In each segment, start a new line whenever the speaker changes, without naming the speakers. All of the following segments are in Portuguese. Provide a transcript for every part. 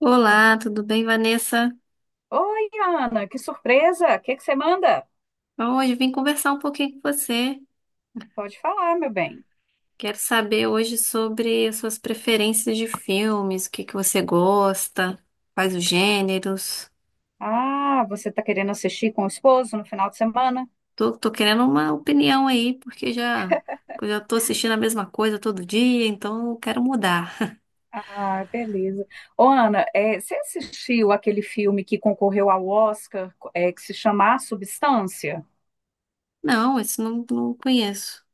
Olá, tudo bem, Vanessa?
Oi, Ana, que surpresa! O que que você manda?
Hoje eu vim conversar um pouquinho com você.
Pode falar, meu bem.
Quero saber hoje sobre as suas preferências de filmes, o que que você gosta, quais os gêneros.
Ah, você está querendo assistir com o esposo no final de semana?
Tô querendo uma opinião aí, eu já tô assistindo a mesma coisa todo dia, então eu quero mudar.
Ah, beleza. Ô, Ana, você assistiu aquele filme que concorreu ao Oscar, que se chama A Substância?
Não, esse não, não conheço.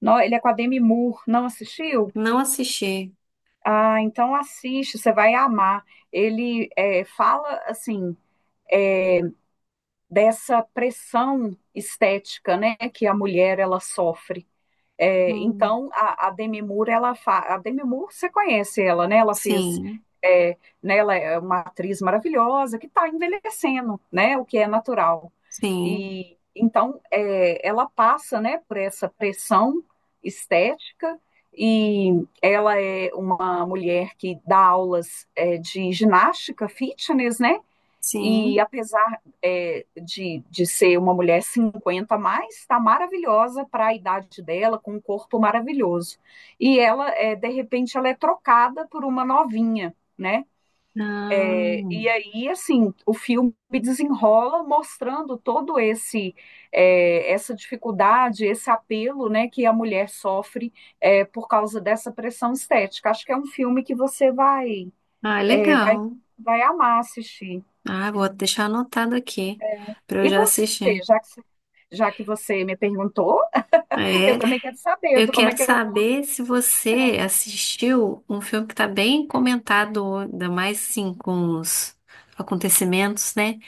Não, ele é com a Demi Moore. Não assistiu?
Não assisti.
Ah, então assiste, você vai amar. Ele fala assim é, dessa pressão estética, né, que a mulher ela sofre.
Hum,
Então, a Demi Moore, você conhece ela, né? Ela fez,
sim,
é, né? Ela é uma atriz maravilhosa que está envelhecendo, né? O que é natural.
sim,
E então, ela passa, né? Por essa pressão estética e ela é uma mulher que dá aulas de ginástica, fitness, né? E
sim.
apesar de ser uma mulher 50, a mais, está maravilhosa para a idade dela, com um corpo maravilhoso. E ela, de repente, ela é trocada por uma novinha, né?
Não.
E aí, assim, o filme desenrola mostrando todo esse essa dificuldade, esse apelo, né, que a mulher sofre por causa dessa pressão estética. Acho que é um filme que você vai
Ah,
é, vai
legal.
vai amar assistir.
Ah, vou deixar anotado aqui para eu
E
já
você,
assistir.
já que, já que você me perguntou, eu
É,
também quero saber
eu
do como é
quero
que eu vou.
saber se você assistiu um filme que está bem comentado, ainda mais sim com os acontecimentos, né?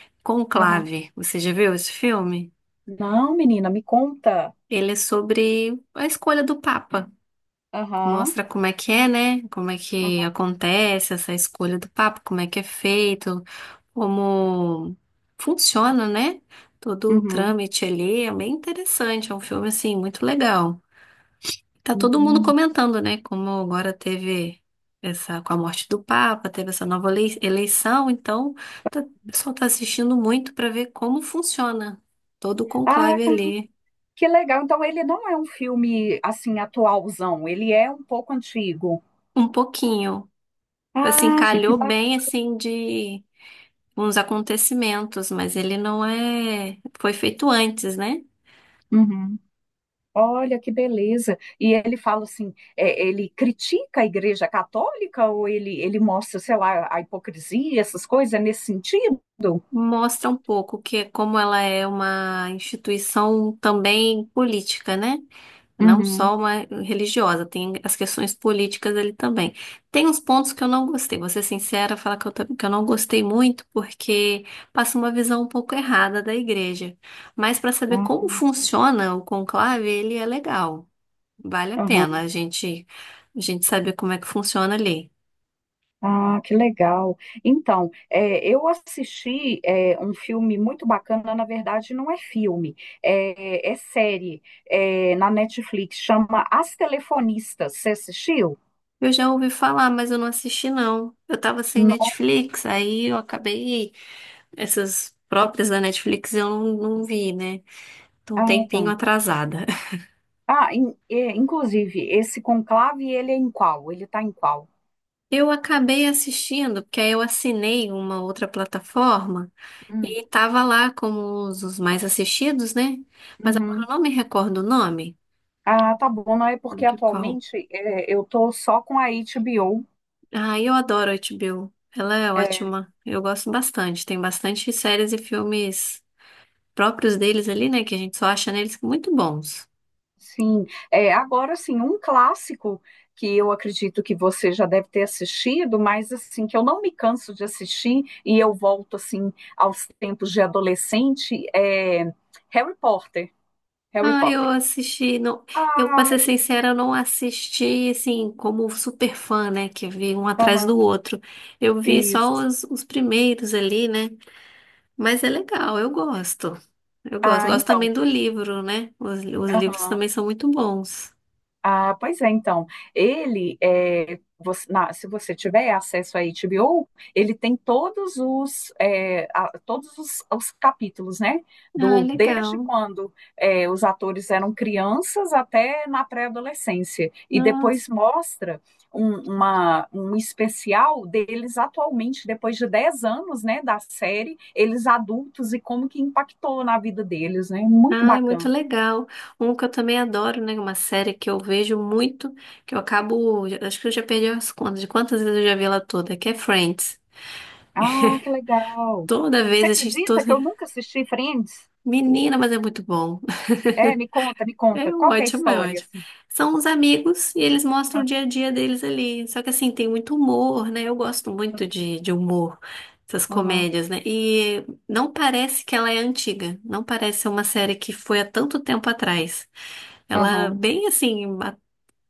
Aham.
Conclave. Você já viu esse filme?
Não, menina, me conta.
Ele é sobre a escolha do Papa.
Aham.
Mostra como é que é, né? Como é que
Aham,
acontece essa escolha do Papa, como é que é feito. Como funciona, né? Todo o
uhum,
trâmite ali é bem interessante, é um filme assim muito legal. Tá todo mundo
uhum.
comentando, né? Como agora teve essa com a morte do Papa, teve essa nova eleição, então o pessoal tá assistindo muito para ver como funciona todo o
Ah,
conclave ali,
que legal. Então, ele não é um filme assim atualzão, ele é um pouco antigo.
um pouquinho. Assim,
Ah, gente, que
calhou bem assim de uns acontecimentos, mas ele não é, foi feito antes, né?
bacana. Olha que beleza. E ele fala assim, ele critica a Igreja Católica ou ele mostra, sei lá, a hipocrisia, essas coisas nesse sentido?
Mostra um pouco que é como ela é uma instituição também política, né? Não
Uhum.
só uma religiosa, tem as questões políticas ali também. Tem uns pontos que eu não gostei, vou ser sincera, falar que que eu não gostei muito, porque passa uma visão um pouco errada da igreja. Mas para saber como
Ah,
funciona o conclave, ele é legal. Vale a pena
aham.
a gente saber como é que funciona ali.
Ah, que legal. Então, eu assisti um filme muito bacana, na verdade, não é filme, é série, na Netflix, chama As Telefonistas. Você assistiu?
Eu já ouvi falar, mas eu não assisti, não. Eu tava sem
Não.
Netflix, aí eu acabei. Essas próprias da Netflix eu não, não vi, né? Tô um
Ah,
tempinho
tá.
atrasada.
Ah, inclusive, esse conclave, ele é em qual? Ele está em qual?
Eu acabei assistindo, porque aí eu assinei uma outra plataforma
Hum,
e tava lá como os mais assistidos, né? Mas agora
uhum.
eu não me recordo o nome
Ah, tá bom, não é porque
de qual.
atualmente eu tô só com a HBO.
Ah, eu adoro a HBO. Ela é ótima. Eu gosto bastante. Tem bastante séries e filmes próprios deles ali, né? Que a gente só acha neles muito bons.
Sim, agora sim, um clássico que eu acredito que você já deve ter assistido, mas assim, que eu não me canso de assistir e eu volto assim aos tempos de adolescente, é Harry Potter, Harry
Ah, eu
Potter.
assisti, não, eu pra ser
Ai,
sincera, eu não assisti assim como super fã, né? Que vi um atrás do
aham,
outro. Eu vi só
isso.
os primeiros ali, né? Mas é legal, eu gosto. Eu gosto,
Ah,
gosto
então.
também do livro, né? Os livros também são muito bons.
Ah, pois é, então, ele, é, você- na- se você tiver acesso à HBO, ele tem todos todos os capítulos, né?
Ah, é
Desde
legal.
quando os atores eram crianças até na pré-adolescência. E depois
Nossa.
mostra um especial deles atualmente, depois de 10 anos, né, da série, eles adultos e como que impactou na vida deles, né? Muito
Ai, muito
bacana.
legal. Um que eu também adoro, né? Uma série que eu vejo muito, que eu acabo. Acho que eu já perdi as contas de quantas vezes eu já vi ela toda, que é Friends.
Ah, que legal.
Toda
Você
vez a gente. Tô...
acredita que eu nunca assisti Friends?
Menina, mas é muito bom.
É, me conta, me
É
conta. Qual que é a
ótimo, é
história,
ótimo.
assim?
São os amigos e eles mostram
Ah,
o dia a dia deles ali. Só que assim, tem muito humor, né? Eu gosto muito de humor, essas
aham,
comédias, né? E não parece que ela é antiga. Não parece ser uma série que foi há tanto tempo atrás. Ela é
aham.
bem assim.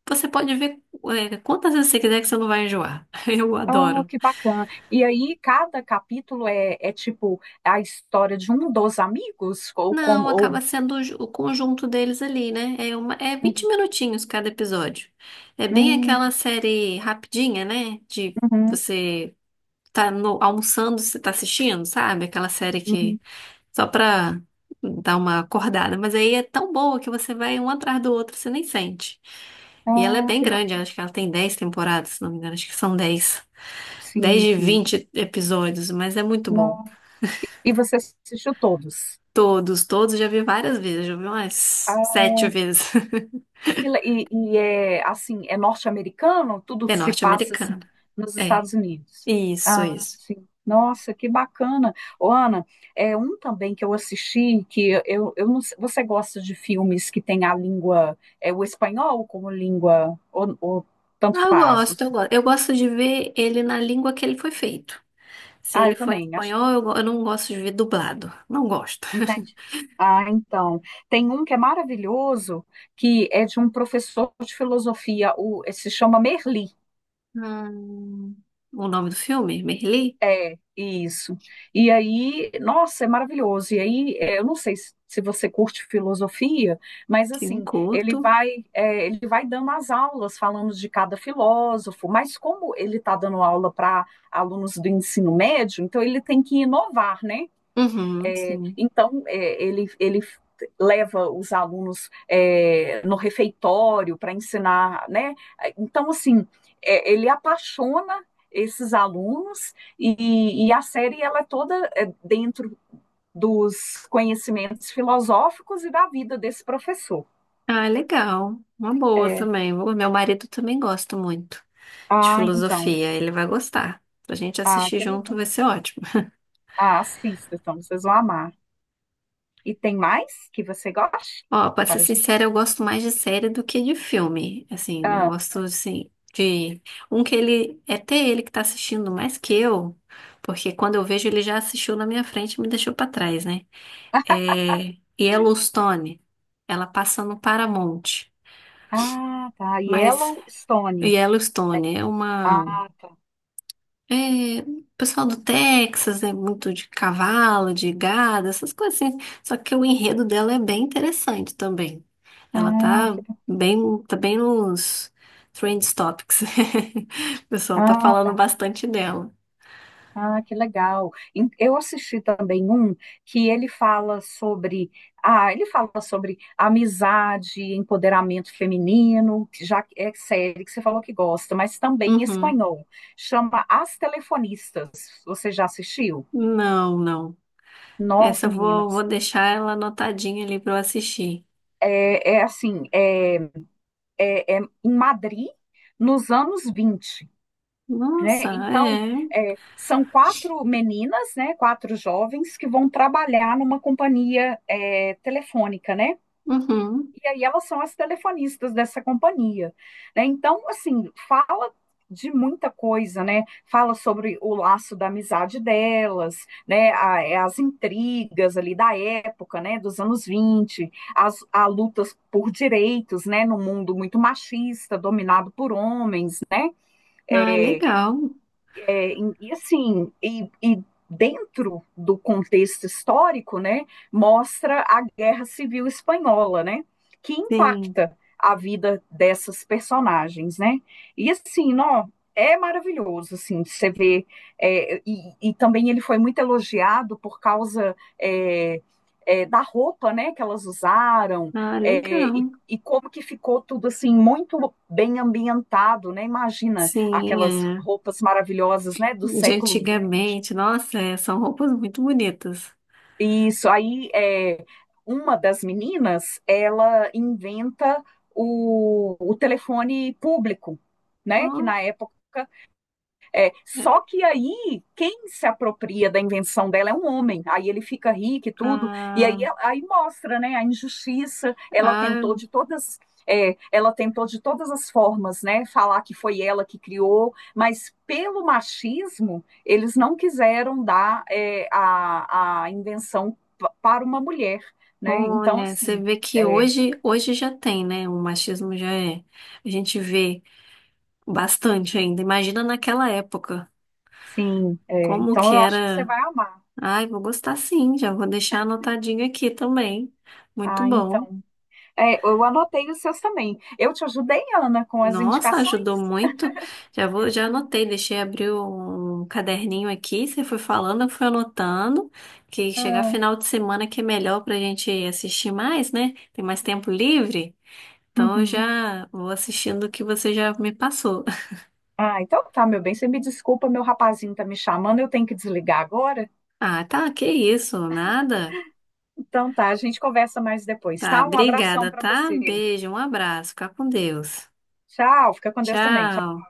Você pode ver quantas vezes você quiser que você não vai enjoar. Eu
Oh,
adoro.
que bacana. E aí, cada capítulo é tipo a história de um dos amigos? Ou
Não,
como? Ou.
acaba sendo o conjunto deles ali, né? É, uma, é 20
Uhum,
minutinhos cada episódio. É bem
uhum,
aquela série rapidinha, né? De
uhum,
você tá almoçando, você tá assistindo, sabe? Aquela série que
uhum.
só pra dar uma acordada. Mas aí é tão boa que você vai um atrás do outro, você nem sente. E ela é
Ah,
bem
que
grande,
bacana.
acho que ela tem 10 temporadas, se não me engano, acho que são 10, 10
Sim,
de
sim.
20 episódios, mas é muito bom.
Não. E você assistiu todos?
Todos, todos já vi várias vezes, já vi umas
Ah,
7 vezes.
e é assim, é norte-americano, tudo
É
se passa assim
norte-americana.
nos
É,
Estados Unidos.
isso,
Ah,
isso.
sim. Nossa, que bacana. Ô, Ana, é um também que eu assisti que eu não sei- você gosta de filmes que tem a língua, o espanhol como língua, ou, tanto
Ah, eu
faz?
gosto, eu gosto. Eu gosto de ver ele na língua que ele foi feito. Se
Ah,
ele
eu
for em
também, acho.
espanhol, eu não gosto de ver dublado. Não gosto.
Entende? Ah, então. Tem um que é maravilhoso, que é de um professor de filosofia, se chama Merli.
Hum, o nome do filme? Merli?
É, isso. E aí, nossa, é maravilhoso. E aí, eu não sei se você curte filosofia, mas
Sim,
assim,
curto.
ele vai dando as aulas falando de cada filósofo, mas como ele está dando aula para alunos do ensino médio, então ele tem que inovar, né?
Uhum, sim.
Então, ele leva os alunos no refeitório para ensinar, né? Então, assim, ele apaixona esses alunos e a série ela é toda dentro dos conhecimentos filosóficos e da vida desse professor.
Ah, legal. Uma boa
É.
também. O meu marido também gosta muito de
Ah, então.
filosofia. Ele vai gostar. Pra gente
Ah,
assistir
que
junto
legal.
vai ser ótimo.
Ah, assista, então, vocês vão amar. E tem mais que você goste?
Ó, pra ser
Para... a gente-
sincera, eu gosto mais de série do que de filme. Assim, eu
Ah,
gosto, assim, de... Um que ele... É até ele que tá assistindo mais que eu. Porque quando eu vejo, ele já assistiu na minha frente e me deixou pra trás, né? É... Yellowstone. Ela passa no Paramount.
ah, tá.
Mas
Yellowstone, né?
Yellowstone é uma...
Ah, tá.
É, o pessoal do Texas é muito de cavalo, de gado, essas coisas assim. Só que o enredo dela é bem interessante também. Ela
Ah,
tá tá bem nos trend topics. O pessoal tá
ah,
falando
tá.
bastante dela.
Ah, que legal. Eu assisti também um que ele fala sobre amizade, empoderamento feminino, que já é série que você falou que gosta, mas também em
Uhum.
espanhol. Chama As Telefonistas. Você já assistiu?
Não, não. Essa
Nossa,
eu
menina,
vou, vou deixar ela anotadinha ali pra eu assistir.
é assim, é em Madrid nos anos 20, né?
Nossa,
Então,
é.
são quatro meninas, né, quatro jovens que vão trabalhar numa companhia telefônica, né?
Uhum.
E aí elas são as telefonistas dessa companhia, né? Então, assim, fala de muita coisa, né? Fala sobre o laço da amizade delas, né? As intrigas ali da época, né? Dos anos 20, as a lutas por direitos, né? No mundo muito machista, dominado por homens,
Ah, é legal.
E assim, e dentro do contexto histórico, né, mostra a Guerra Civil Espanhola, né, que
Sim.
impacta a vida dessas personagens, né? E assim, ó, é maravilhoso, assim, você vê, também ele foi muito elogiado por causa da roupa, né, que elas usaram,
Ah,
e,
legal.
e como que ficou tudo, assim, muito bem ambientado, né? Imagina,
Sim,
aquelas
é.
roupas maravilhosas, né, do
De
século XX.
antigamente. Nossa, é, são roupas muito bonitas.
Isso, aí uma das meninas, ela inventa o telefone público, né, que
Ó,
na época.
é,
Só que aí, quem se apropria da invenção dela é um homem. Aí ele fica rico e tudo. E aí,
ah,
mostra, né, a injustiça. Ela
ah,
tentou de todas, é, ela tentou de todas as formas, né, falar que foi ela que criou. Mas pelo machismo, eles não quiseram dar a invenção para uma mulher, né? Então,
olha, você
assim,
vê que
é,
hoje, hoje já tem, né? O machismo já é. A gente vê bastante ainda. Imagina naquela época,
sim. é,
como
então,
que
eu acho que você
era.
vai amar.
Ai, vou gostar sim, já vou deixar anotadinho aqui também. Muito
Ah,
bom.
então. É, eu anotei os seus também. Eu te ajudei, Ana, com as
Nossa, ajudou
indicações?
muito. Já vou, já anotei, deixei abrir um caderninho aqui. Você foi falando, eu fui anotando. Que chegar
Ah,
final de semana que é melhor pra gente assistir mais, né? Tem mais tempo livre. Então eu
uhum.
já vou assistindo o que você já me passou.
Ah, então tá, meu bem. Você me desculpa, meu rapazinho tá me chamando, eu tenho que desligar agora.
Ah, tá, que isso, nada.
Então tá, a gente conversa mais depois,
Tá,
tá? Um abração
obrigada,
pra
tá?
você.
Beijo, um abraço, fica com Deus.
Tchau, fica com Deus também.
Tchau.